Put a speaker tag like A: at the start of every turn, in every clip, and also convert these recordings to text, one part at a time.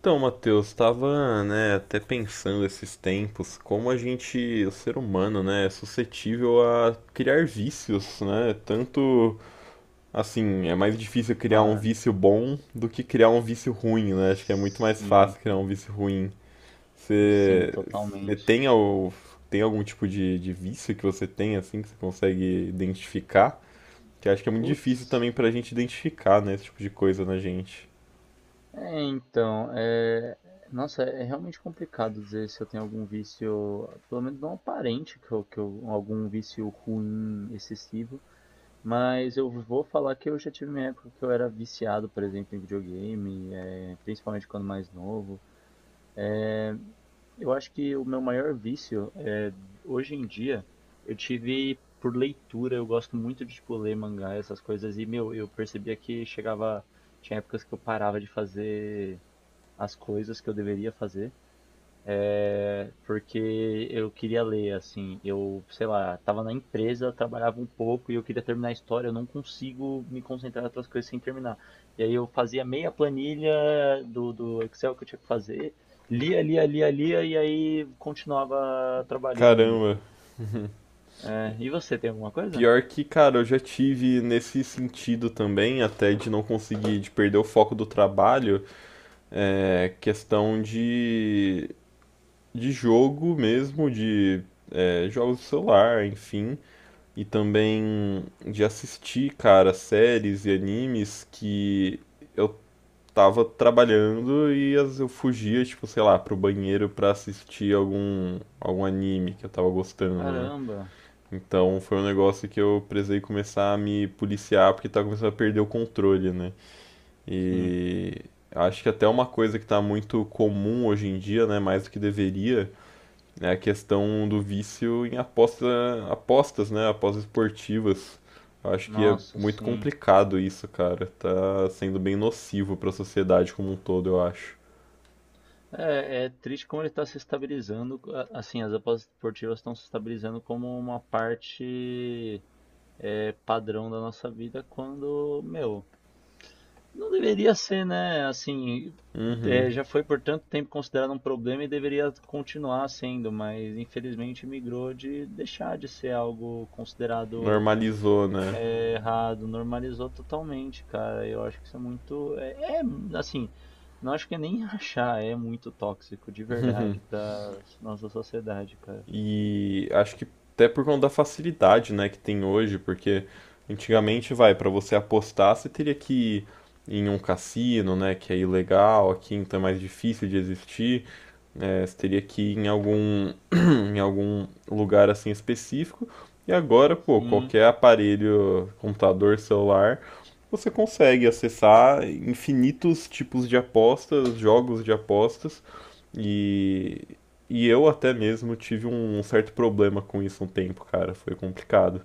A: Então, Matheus, estava, né, até pensando esses tempos, como a gente, o ser humano, né, é suscetível a criar vícios, né? Tanto assim, é mais difícil criar um
B: Cara,
A: vício bom do que criar um vício ruim, né? Acho que é muito mais
B: sim,
A: fácil criar um vício ruim.
B: sim,
A: Você você
B: totalmente.
A: tem, tem algum tipo de vício que você tem, assim, que você consegue identificar? Que acho que é muito difícil
B: Putz,
A: também pra gente identificar, né, esse tipo de coisa na gente.
B: é, então, é, nossa, é realmente complicado dizer se eu tenho algum vício, pelo menos não aparente, algum vício ruim, excessivo, mas eu vou falar que eu já tive minha época que eu era viciado, por exemplo, em videogame, principalmente quando mais novo. Eu acho que o meu maior vício hoje em dia, eu tive por leitura, eu gosto muito de tipo ler mangá, essas coisas e meu, eu percebia que chegava tinha épocas que eu parava de fazer as coisas que eu deveria fazer, porque eu queria ler assim, eu, sei lá, tava na empresa, trabalhava um pouco e eu queria terminar a história, eu não consigo me concentrar em outras coisas sem terminar. E aí eu fazia meia planilha do Excel que eu tinha que fazer, lia, lia, lia, lia e aí continuava trabalhando.
A: Caramba.
B: É, e você tem alguma coisa?
A: Pior que, cara, eu já tive nesse sentido também, até de não conseguir, de perder o foco do trabalho, é, questão de jogo mesmo, de é, jogos de celular, enfim, e também de assistir, cara, séries e animes que eu tava trabalhando e às vezes eu fugia, tipo, sei lá, pro banheiro pra assistir algum, algum anime que eu tava gostando, né?
B: Caramba,
A: Então foi um negócio que eu precisei começar a me policiar porque tá começando a perder o controle, né?
B: sim.
A: E.} Acho que até uma coisa que tá muito comum hoje em dia, né, mais do que deveria, é a questão do vício em aposta, apostas, né, apostas esportivas. Eu acho que é
B: Nossa,
A: muito
B: sim.
A: complicado isso, cara. Tá sendo bem nocivo pra sociedade como um todo, eu acho.
B: É, é triste como ele está se estabilizando. Assim, as apostas esportivas estão se estabilizando como uma parte padrão da nossa vida, quando, meu, não deveria ser, né? Assim,
A: Uhum.
B: já foi por tanto tempo considerado um problema e deveria continuar sendo, mas infelizmente migrou de deixar de ser algo considerado.
A: Normalizou, né?
B: É errado, normalizou totalmente, cara. Eu acho que isso é muito. É, assim, não acho que é nem achar, é muito tóxico, de verdade, pra nossa sociedade, cara.
A: E acho que até por conta da facilidade, né, que tem hoje, porque antigamente, vai, para você apostar, você teria que ir em um cassino, né, que é ilegal, aqui então é mais difícil de existir. É, você teria que ir em algum, em algum lugar assim específico. E agora, pô,
B: Sim.
A: qualquer aparelho, computador, celular, você consegue acessar infinitos tipos de apostas, jogos de apostas. E e eu até mesmo tive um certo problema com isso um tempo, cara. Foi complicado.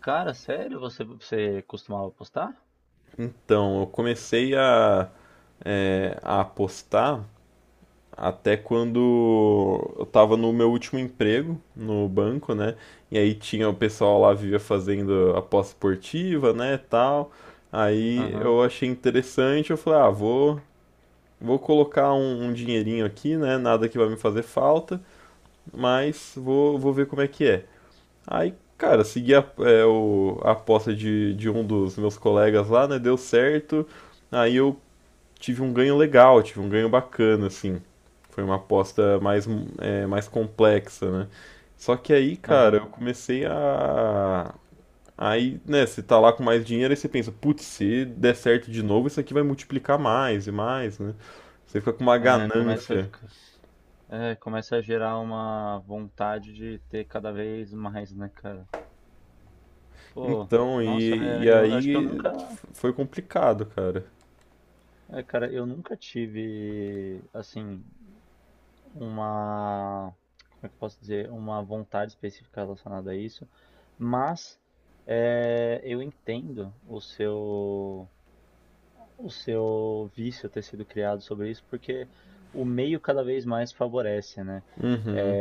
B: Cara, sério? Você costumava postar?
A: Então, eu comecei a, é, a apostar até quando eu tava no meu último emprego no banco, né? E aí tinha o pessoal lá vivia fazendo aposta esportiva, né, tal. Aí
B: Aham,
A: eu achei interessante, eu falei, ah, vou, vou colocar um, um dinheirinho aqui, né? Nada que vai me fazer falta, mas vou, vou ver como é que é. Aí, cara, segui a, é, o, a aposta de um dos meus colegas lá, né? Deu certo. Aí eu tive um ganho legal, tive um ganho bacana, assim. Foi uma aposta mais, é, mais complexa, né? Só que aí, cara,
B: aham.
A: eu comecei a. Aí, né, você tá lá com mais dinheiro e você pensa, putz, se der certo de novo, isso aqui vai multiplicar mais e mais, né? Você fica com uma
B: É, começa a
A: ganância.
B: ficar. É, começa a gerar uma vontade de ter cada vez mais, né, cara? Pô,
A: Então,
B: nossa,
A: e
B: é, eu acho que eu
A: aí
B: nunca.
A: foi complicado, cara.
B: É, cara, eu nunca tive, assim, uma, como é que eu posso dizer, uma vontade específica relacionada a isso, mas é, eu entendo o seu vício ter sido criado sobre isso, porque o meio cada vez mais favorece, né?
A: Uhum,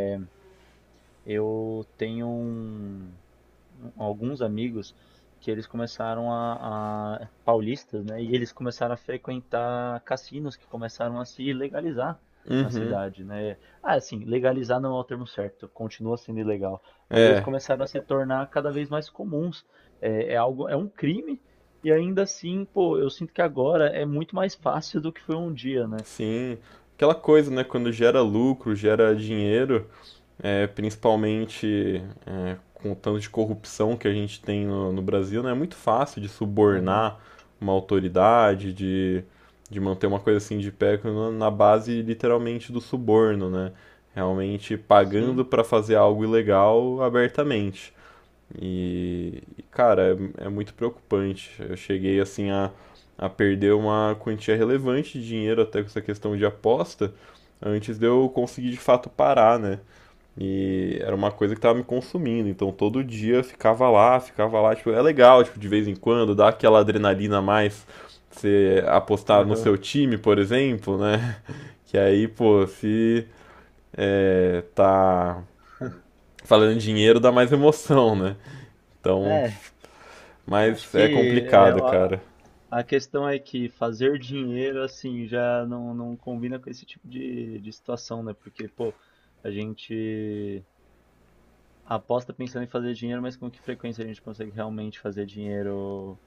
B: Eu tenho um, alguns amigos que eles começaram a paulistas, né? E eles começaram a frequentar cassinos que começaram a se legalizar na
A: uhum.
B: cidade, né? Ah, assim, legalizar não é o termo certo, continua sendo ilegal, mas eles
A: É,
B: começaram a se tornar cada vez mais comuns. É, é algo, é um crime e ainda assim, pô, eu sinto que agora é muito mais fácil do que foi um dia, né?
A: sim. Aquela coisa, né? Quando gera lucro, gera dinheiro, é, principalmente é, com o tanto de corrupção que a gente tem no, no Brasil, né? É muito fácil de
B: Aham.
A: subornar uma autoridade, de manter uma coisa assim de pé na base literalmente do suborno, né? Realmente pagando
B: Sim.
A: para fazer algo ilegal abertamente. E, cara, é, é muito preocupante. Eu cheguei assim a perder uma quantia relevante de dinheiro até com essa questão de aposta, antes de eu conseguir de fato parar, né? E era uma coisa que tava me consumindo, então todo dia eu ficava lá, tipo, é legal, tipo, de vez em quando, dá aquela adrenalina a mais, você apostar no
B: Aham.
A: seu time, por exemplo, né? Que aí, pô, se é, tá falando em dinheiro, dá mais emoção, né? Então,
B: É, acho
A: mas é
B: que é,
A: complicado,
B: ó,
A: cara.
B: a questão é que fazer dinheiro assim já não, não combina com esse tipo de situação, né? Porque, pô, a gente aposta pensando em fazer dinheiro, mas com que frequência a gente consegue realmente fazer dinheiro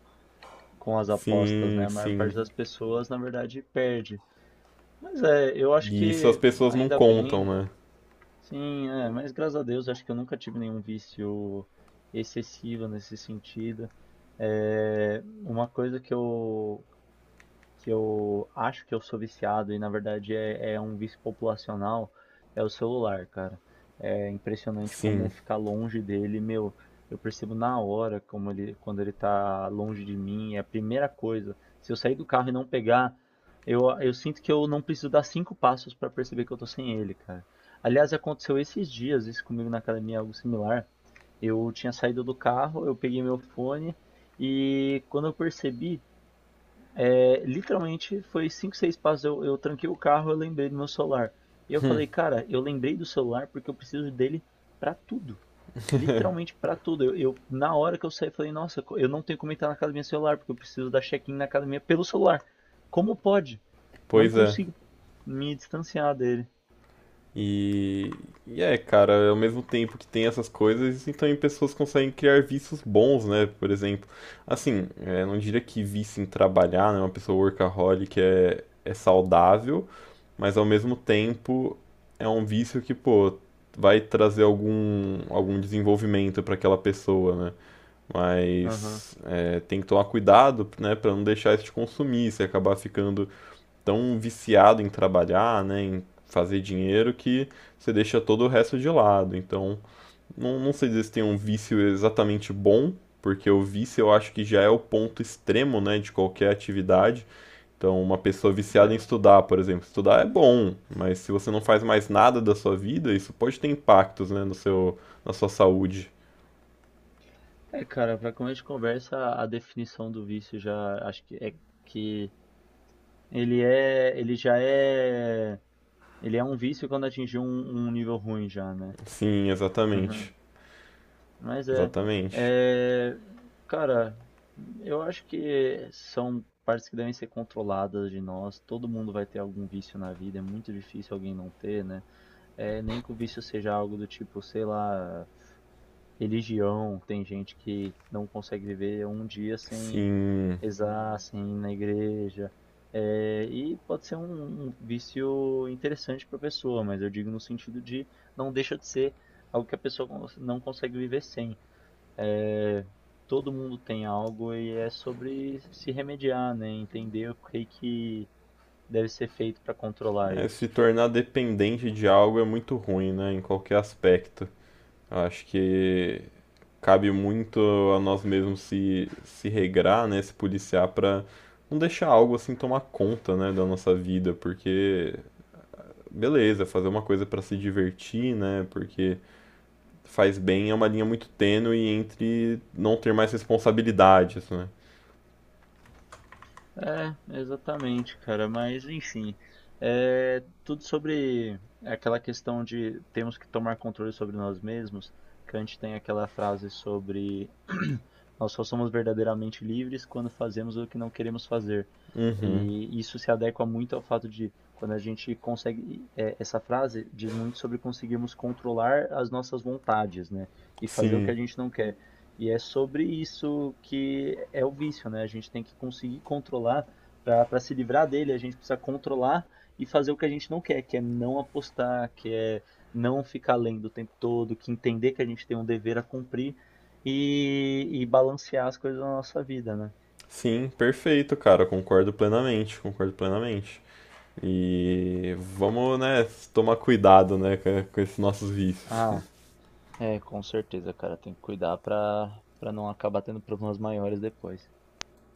B: com as apostas,
A: Sim,
B: né? A maior parte
A: sim.
B: das pessoas, na verdade, perde. Mas é, eu acho
A: E isso as
B: que
A: pessoas não
B: ainda
A: contam,
B: bem,
A: né?
B: sim, é, mas graças a Deus, acho que eu nunca tive nenhum vício excessivo nesse sentido. É, uma coisa que eu acho que eu sou viciado e na verdade é, é um vício populacional, é o celular, cara. É impressionante como
A: Sim,
B: ficar longe dele, meu. Eu percebo na hora como ele, quando ele tá longe de mim, é a primeira coisa. Se eu sair do carro e não pegar, eu sinto que eu não preciso dar cinco passos para perceber que eu tô sem ele, cara. Aliás, aconteceu esses dias, isso comigo na academia, algo similar. Eu tinha saído do carro, eu peguei meu fone e quando eu percebi, é, literalmente foi 5, 6 passos. Eu tranquei o carro, eu lembrei do meu celular. E eu falei, cara, eu lembrei do celular porque eu preciso dele pra tudo. Literalmente pra tudo. Na hora que eu saí, falei, nossa, eu não tenho como entrar na academia celular porque eu preciso dar check-in na academia pelo celular. Como pode? Não
A: pois é.
B: consigo me distanciar dele.
A: E, e é, cara, ao mesmo tempo que tem essas coisas, e também pessoas conseguem criar vícios bons, né? Por exemplo, assim, é, não diria que vício em trabalhar, né? Uma pessoa workaholic é, é saudável, mas ao mesmo tempo é um vício que, pô, vai trazer algum, algum desenvolvimento para aquela pessoa, né?
B: Aham.
A: Mas é, tem que tomar cuidado, né, para não deixar isso te consumir, você acabar ficando tão viciado em trabalhar, né, em fazer dinheiro que você deixa todo o resto de lado. Então, não, não sei dizer se tem um vício exatamente bom, porque o vício eu acho que já é o ponto extremo, né, de qualquer atividade. Então, uma pessoa viciada em estudar, por exemplo, estudar é bom, mas se você não faz mais nada da sua vida, isso pode ter impactos, né, no seu, na sua saúde.
B: É, é, cara, pra começo de conversa, a definição do vício já acho que é que ele é, ele já é. Ele é um vício quando atingiu um, um nível ruim já, né?
A: Sim, exatamente.
B: Mas
A: Exatamente.
B: é, cara, eu acho que são partes que devem ser controladas de nós. Todo mundo vai ter algum vício na vida, é muito difícil alguém não ter, né? É, nem que o vício seja algo do tipo, sei lá, religião. Tem gente que não consegue viver um dia sem.
A: Sim,
B: Exassem, na igreja. Eh, e pode ser um, um vício interessante para a pessoa, mas eu digo no sentido de não deixa de ser algo que a pessoa não consegue viver sem. Eh, todo mundo tem algo e é sobre se remediar, né? Entender o que que deve ser feito para controlar
A: é, se
B: isso.
A: tornar dependente de algo é muito ruim, né? Em qualquer aspecto. Eu acho que cabe muito a nós mesmos se, se regrar, né? Se policiar para não deixar algo assim tomar conta, né? Da nossa vida, porque, beleza, fazer uma coisa para se divertir, né? Porque faz bem é uma linha muito tênue entre não ter mais responsabilidades, né?
B: É, exatamente, cara. Mas enfim, é tudo sobre aquela questão de temos que tomar controle sobre nós mesmos. Kant tem aquela frase sobre nós só somos verdadeiramente livres quando fazemos o que não queremos fazer. E isso se adequa muito ao fato de quando a gente consegue. É, essa frase diz muito sobre conseguirmos controlar as nossas vontades, né? E fazer o que
A: Sim,
B: a gente não quer. E é sobre isso que é o vício, né? A gente tem que conseguir controlar, para se livrar dele, a gente precisa controlar e fazer o que a gente não quer, que é não apostar, que é não ficar lendo o tempo todo, que entender que a gente tem um dever a cumprir e balancear as coisas na nossa vida, né?
A: sim, perfeito, cara. Concordo plenamente, concordo plenamente. E vamos, né, tomar cuidado, né, com esses nossos vícios.
B: Ah, é, com certeza, cara, tem que cuidar para para não acabar tendo problemas maiores depois.